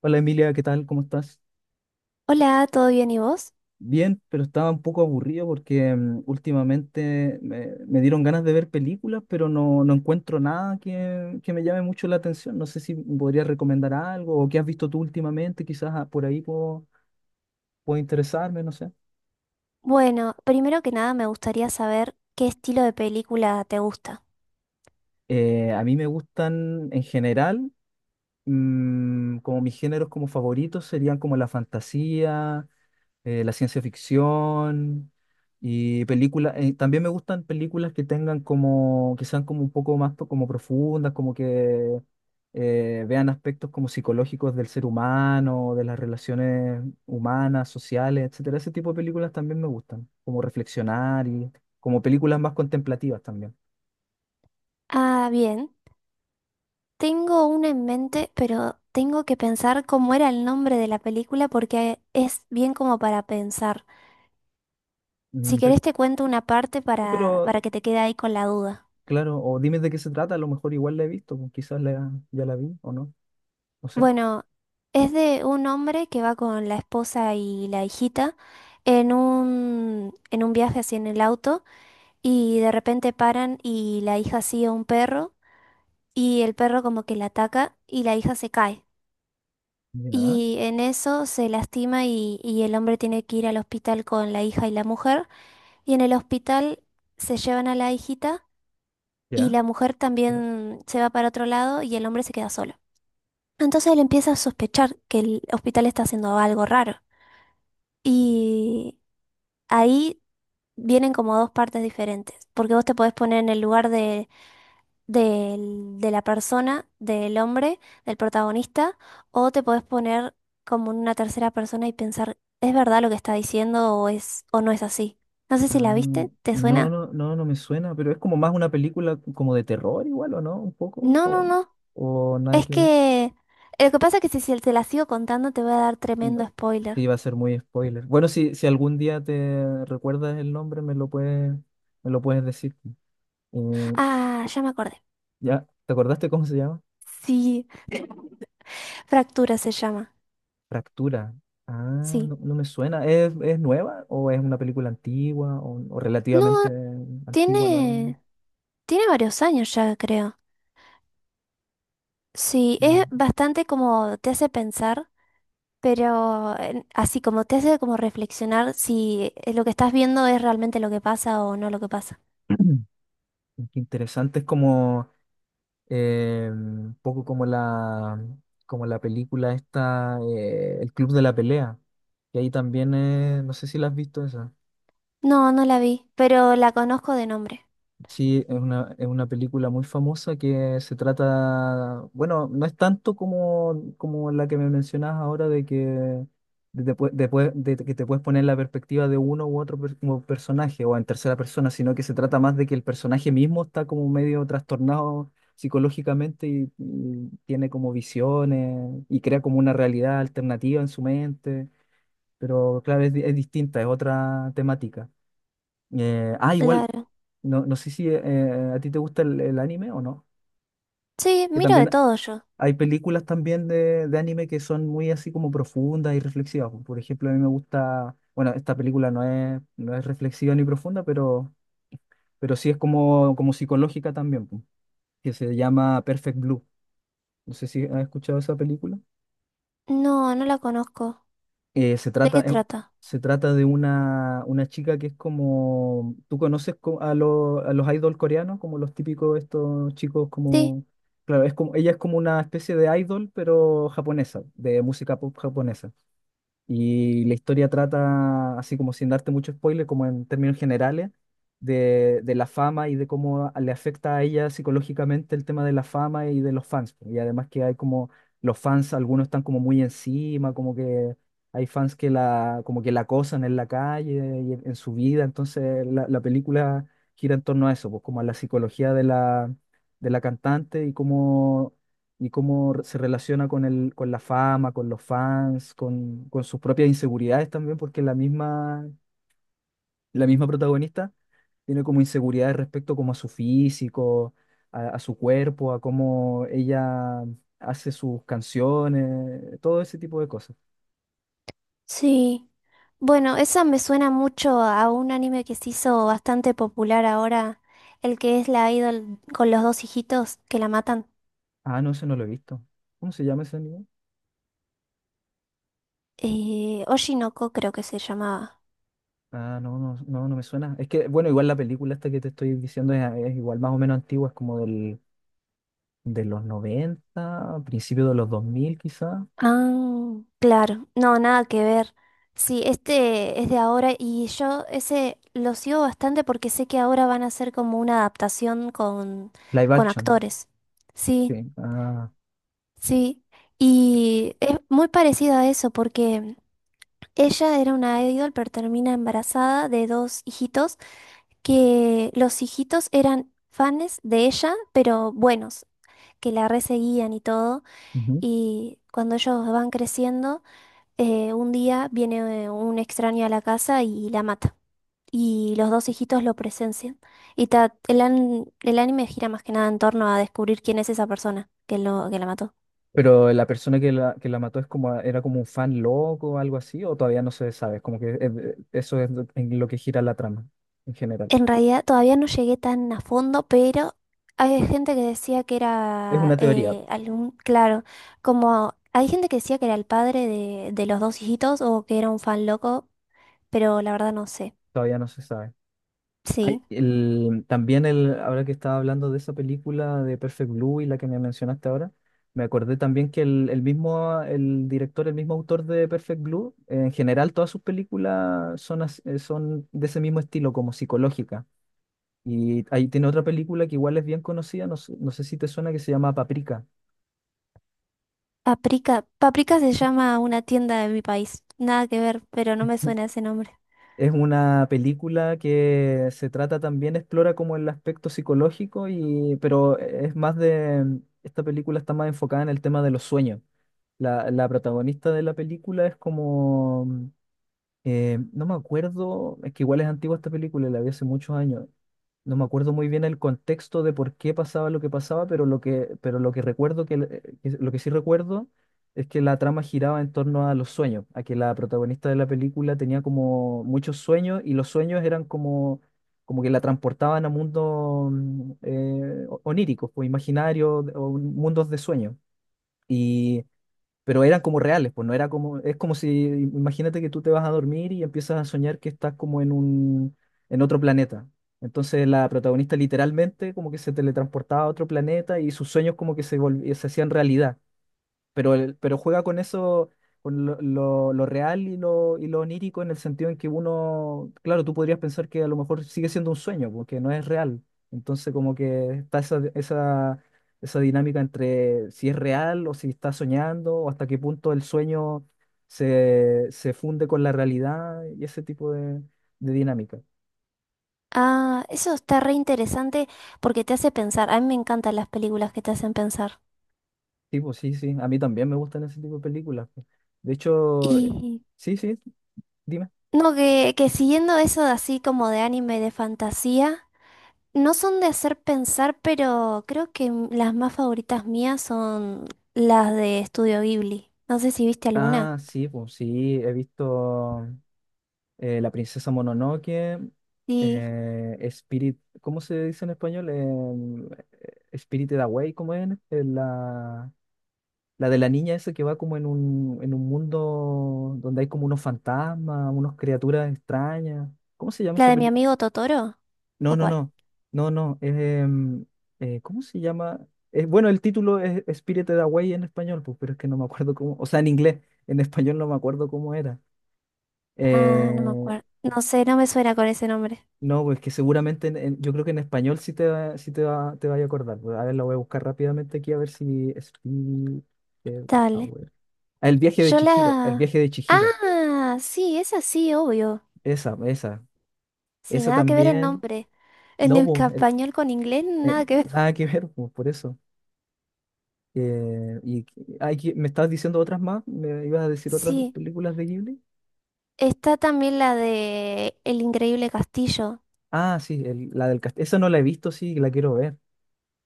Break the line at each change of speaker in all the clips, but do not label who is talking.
Hola Emilia, ¿qué tal? ¿Cómo estás?
Hola, ¿todo bien y vos?
Bien, pero estaba un poco aburrido porque últimamente me dieron ganas de ver películas, pero no encuentro nada que me llame mucho la atención. No sé si me podrías recomendar algo o qué has visto tú últimamente, quizás por ahí puedo interesarme, no sé.
Bueno, primero que nada me gustaría saber qué estilo de película te gusta.
A mí me gustan en general. Como mis géneros como favoritos serían como la fantasía, la ciencia ficción y películas. También me gustan películas que tengan como, que sean como un poco más pro- como profundas, como que vean aspectos como psicológicos del ser humano, de las relaciones humanas, sociales, etcétera. Ese tipo de películas también me gustan, como reflexionar y como películas más contemplativas también.
Ah, bien. Tengo una en mente, pero tengo que pensar cómo era el nombre de la película porque es bien como para pensar. Si
Mm,
querés
sí.
te cuento una parte
Sí,
para,
pero
para que te quede ahí con la duda.
claro, o dime de qué se trata, a lo mejor igual la he visto, pues, quizás ya la vi o no, no sé.
Bueno, es de un hombre que va con la esposa y la hijita en un viaje así en el auto y de repente paran y la hija sigue a un perro y el perro como que la ataca y la hija se cae.
Ya,
Y en eso se lastima y el hombre tiene que ir al hospital con la hija y la mujer y en el hospital se llevan a la hijita y
ya.
la mujer
pero-
también se va para otro lado y el hombre se queda solo. Entonces él empieza a sospechar que el hospital está haciendo algo raro. Y ahí vienen como dos partes diferentes, porque vos te podés poner en el lugar de, de la persona, del hombre, del protagonista, o te podés poner como en una tercera persona y pensar, ¿es verdad lo que está diciendo o es o no es así? No sé si la
ah,
viste, ¿te
no,
suena?
no, no, no me suena, pero es como más una película como de terror igual, ¿o no? Un poco,
No, no, no.
o nada
Es
que ver.
que lo que pasa es que si te la sigo contando te voy a dar tremendo
No.
spoiler.
Sí, va a ser muy spoiler. Bueno, si algún día te recuerdas el nombre, me lo puedes decir. Eh,
Ah, ya me acordé.
ya, ¿te acordaste cómo se llama?
Sí. Fractura se llama,
Fractura. Ah,
sí.
no, no me suena. ¿Es nueva o es una película antigua o
No,
relativamente antigua, nueva?
tiene, tiene varios años ya, creo. Sí,
Mm.
es bastante como te hace pensar, pero así como te hace como reflexionar si lo que estás viendo es realmente lo que pasa o no lo que pasa.
Qué interesante. Es como un poco como la película esta, El Club de la Pelea. Y ahí también, no sé si la has visto esa.
No, no la vi, pero la conozco de nombre.
Sí, es una película muy famosa que se trata, bueno, no es tanto como, como la que me mencionas ahora de que de que te puedes poner en la perspectiva de uno u otro como personaje o en tercera persona, sino que se trata más de que el personaje mismo está como medio trastornado psicológicamente y tiene como visiones y crea como una realidad alternativa en su mente, pero claro, es, es distinta, es otra temática. Igual,
Claro.
no sé si a ti te gusta el anime o no.
Sí,
Que
miro de
también
todo yo.
hay películas también de anime que son muy así como profundas y reflexivas. Por ejemplo, a mí me gusta, bueno, esta película no es reflexiva ni profunda, pero sí es como, como psicológica también, que se llama Perfect Blue. No sé si has escuchado esa película.
No, no la conozco.
Eh, se
¿De
trata,
qué
eh,
trata?
se trata de una chica que es como, ¿tú conoces a los idol coreanos? Como los típicos estos chicos
Sí.
como, claro, es como, ella es como una especie de idol, pero japonesa, de música pop japonesa. Y la historia trata, así como sin darte mucho spoiler, como en términos generales, de la fama y de cómo le afecta a ella psicológicamente el tema de la fama y de los fans, pues. Y además que hay como los fans, algunos están como muy encima, como que hay fans que la, como que la acosan en la calle y en su vida. Entonces la película gira en torno a eso, pues como a la psicología de la cantante y cómo se relaciona con el, con la fama, con los fans, con sus propias inseguridades también, porque la misma protagonista tiene como inseguridades respecto como a su físico, a su cuerpo, a cómo ella hace sus canciones, todo ese tipo de cosas.
Sí. Bueno, esa me suena mucho a un anime que se hizo bastante popular ahora, el que es la idol con los dos hijitos que la matan.
Ah, no, ese no lo he visto. ¿Cómo se llama ese anime?
Oshinoko creo que se llamaba.
Ah, no, no, no, no me suena. Es que, bueno, igual la película esta que te estoy diciendo es igual más o menos antigua, es como de los 90 principio de los 2000 quizás.
Ah, claro. No, nada que ver. Sí, este es de ahora y yo ese lo sigo bastante porque sé que ahora van a hacer como una adaptación
Live
con
action,
actores. Sí,
sí. Ah,
sí. Y es muy parecido a eso porque... Ella era una idol, pero termina embarazada de dos hijitos, que los hijitos eran fans de ella, pero buenos, que la reseguían y todo.
ujú.
Y cuando ellos van creciendo, un día viene un extraño a la casa y la mata. Y los dos hijitos lo presencian. Y el anime gira más que nada en torno a descubrir quién es esa persona que, lo, que la mató.
Pero la persona que la mató es como, era como un fan loco o algo así, o todavía no se sabe, es como que eso es en lo que gira la trama en general.
En realidad todavía no llegué tan a fondo, pero hay gente que decía que
Es
era
una teoría,
algún, claro, como hay gente que decía que era el padre de los dos hijitos o que era un fan loco, pero la verdad no sé.
todavía no se sabe. Ay,
Sí.
también ahora que estaba hablando de esa película de Perfect Blue y la que me mencionaste ahora, me acordé también que el mismo, el director, el mismo autor de Perfect Blue, en general todas sus películas son, son de ese mismo estilo, como psicológica. Y ahí tiene otra película que igual es bien conocida, no sé si te suena, que se llama Paprika.
Paprika. Paprika se llama una tienda de mi país. Nada que ver, pero no me suena ese nombre.
Es una película que se trata también, explora como el aspecto psicológico, y, pero es más de, esta película está más enfocada en el tema de los sueños. La protagonista de la película es como. No me acuerdo, es que igual es antigua esta película, la vi hace muchos años. No me acuerdo muy bien el contexto de por qué pasaba lo que pasaba, pero lo que recuerdo que, lo que sí recuerdo es que la trama giraba en torno a los sueños, a que la protagonista de la película tenía como muchos sueños y los sueños eran como, como que la transportaban a mundos oníricos, o imaginarios, o mundos de sueños pero eran como reales, pues no era como, es como si, imagínate que tú te vas a dormir y empiezas a soñar que estás como en un, en otro planeta. Entonces la protagonista literalmente como que se teletransportaba a otro planeta y sus sueños como que se hacían realidad pero, pero juega con eso, con lo, lo real y lo onírico en el sentido en que uno, claro, tú podrías pensar que a lo mejor sigue siendo un sueño, porque no es real. Entonces como que está esa dinámica entre si es real o si está soñando, o hasta qué punto el sueño se funde con la realidad y ese tipo de dinámica.
Ah, eso está re interesante porque te hace pensar. A mí me encantan las películas que te hacen pensar.
Sí, pues sí, sí, a mí también me gustan ese tipo de películas, pues. De hecho, eh,
Y
sí, sí, dime.
no, que siguiendo eso de así como de anime, de fantasía. No son de hacer pensar, pero creo que las más favoritas mías son las de Estudio Ghibli. No sé si viste alguna.
Ah, sí, pues sí, he visto La princesa Mononoke,
Sí.
Spirit, ¿cómo se dice en español? Spirited Away, ¿cómo es? La de la niña esa que va como en un mundo donde hay como unos fantasmas, unas criaturas extrañas. ¿Cómo se llama
¿La
esa
de mi
película?
amigo Totoro?
No,
¿O
no,
cuál?
no, no, no, ¿cómo se llama? Bueno, el título es Spirited Away en español, pues, pero es que no me acuerdo cómo, o sea, en inglés, en español no me acuerdo cómo era.
Ah, no me
Eh,
acuerdo. No sé, no me suena con ese nombre.
no, pues que seguramente yo creo que en español te vaya a acordar, pues. A ver, la voy a buscar rápidamente aquí a ver si... Speed
Dale.
Hour. Ah, El viaje de
Yo
Chihiro, el
la...
viaje de Chihiro.
Ah, sí, es así, obvio.
Esa, esa.
Sí,
Esa
nada que ver el
también.
nombre. En
No,
el
pues,
español con inglés, nada que ver.
nada que ver, pues, por eso. Eh, y me estabas diciendo otras más, me ibas a decir otras
Sí,
películas de Ghibli.
está también la de El Increíble Castillo.
Ah, sí, la del castillo. Esa no la he visto, sí, la quiero ver.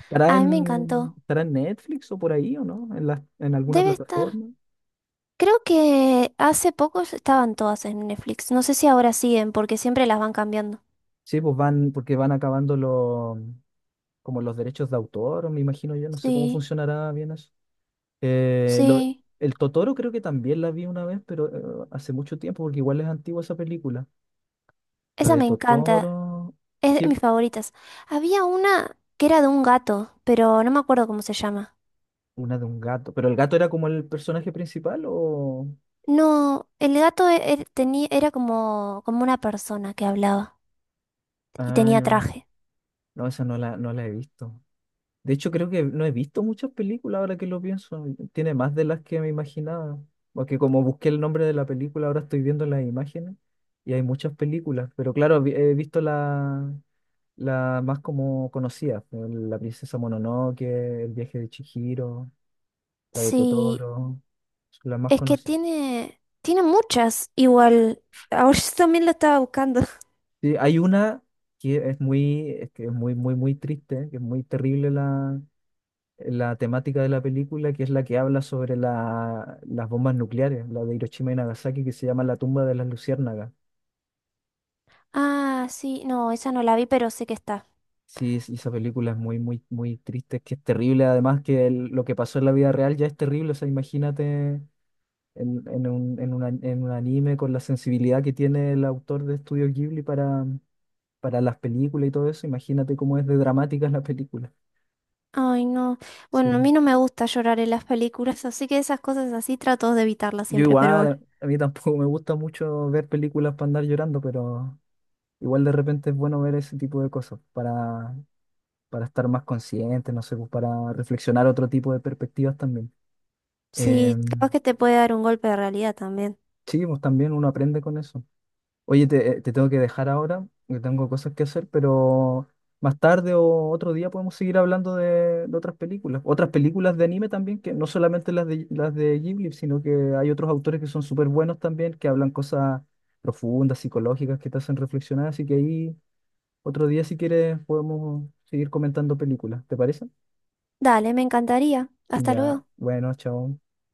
¿Estará
A mí me
en,
encantó.
estará en Netflix o por ahí o no? ¿En alguna
Debe estar.
plataforma?
Creo que hace poco estaban todas en Netflix. No sé si ahora siguen, porque siempre las van cambiando.
Sí, pues van, porque van acabando los, como los derechos de autor, me imagino yo, no sé cómo
Sí,
funcionará bien eso. Eh, lo-
sí.
el Totoro creo que también la vi una vez, pero hace mucho tiempo, porque igual es antigua esa película. La
Esa
de
me encanta.
Totoro,
Es de
sí,
mis favoritas. Había una que era de un gato, pero no me acuerdo cómo se llama.
una de un gato. ¿Pero el gato era como el personaje principal o...?
No, el gato e- er- tenía, era como, como una persona que hablaba y
Ah,
tenía
no,
traje.
no, esa no la he visto. De hecho, creo que no he visto muchas películas ahora que lo pienso. Tiene más de las que me imaginaba. Porque como busqué el nombre de la película, ahora estoy viendo las imágenes y hay muchas películas. Pero claro, he visto la, la más como conocida, La princesa Mononoke, El viaje de Chihiro, la de
Sí,
Totoro, son las más
es que
conocidas.
tiene, tiene muchas. Igual, ahora yo también la estaba buscando.
Sí, hay una que es muy, es que es muy, muy, muy triste, que es muy terrible la temática de la película, que es la que habla sobre las bombas nucleares, la de Hiroshima y Nagasaki, que se llama La tumba de las luciérnagas.
Ah, sí, no, esa no la vi, pero sé que está.
Sí, esa película es muy, muy, muy triste, es que es terrible, además que lo que pasó en la vida real ya es terrible, o sea, imagínate en, en un anime con la sensibilidad que tiene el autor de Estudio Ghibli para las películas y todo eso, imagínate cómo es de dramática la película.
Ay, no.
Sí.
Bueno, a mí no me gusta llorar en las películas, así que esas cosas así trato de evitarlas
Yo
siempre, pero
igual,
bueno.
a mí tampoco me gusta mucho ver películas para andar llorando, pero igual de repente es bueno ver ese tipo de cosas para estar más consciente, no sé, pues, para reflexionar otro tipo de perspectivas también. Eh,
Sí, capaz que te puede dar un golpe de realidad también.
sí, pues también uno aprende con eso. Oye, te tengo que dejar ahora, que tengo cosas que hacer, pero más tarde o otro día podemos seguir hablando de otras películas. Otras películas de anime también, que no solamente las de Ghibli, sino que hay otros autores que son súper buenos también, que hablan cosas profundas, psicológicas, que te hacen reflexionar, así que ahí... Otro día, si quieres, podemos seguir comentando películas. ¿Te parece?
Dale, me encantaría. Hasta
Ya,
luego.
bueno, chao.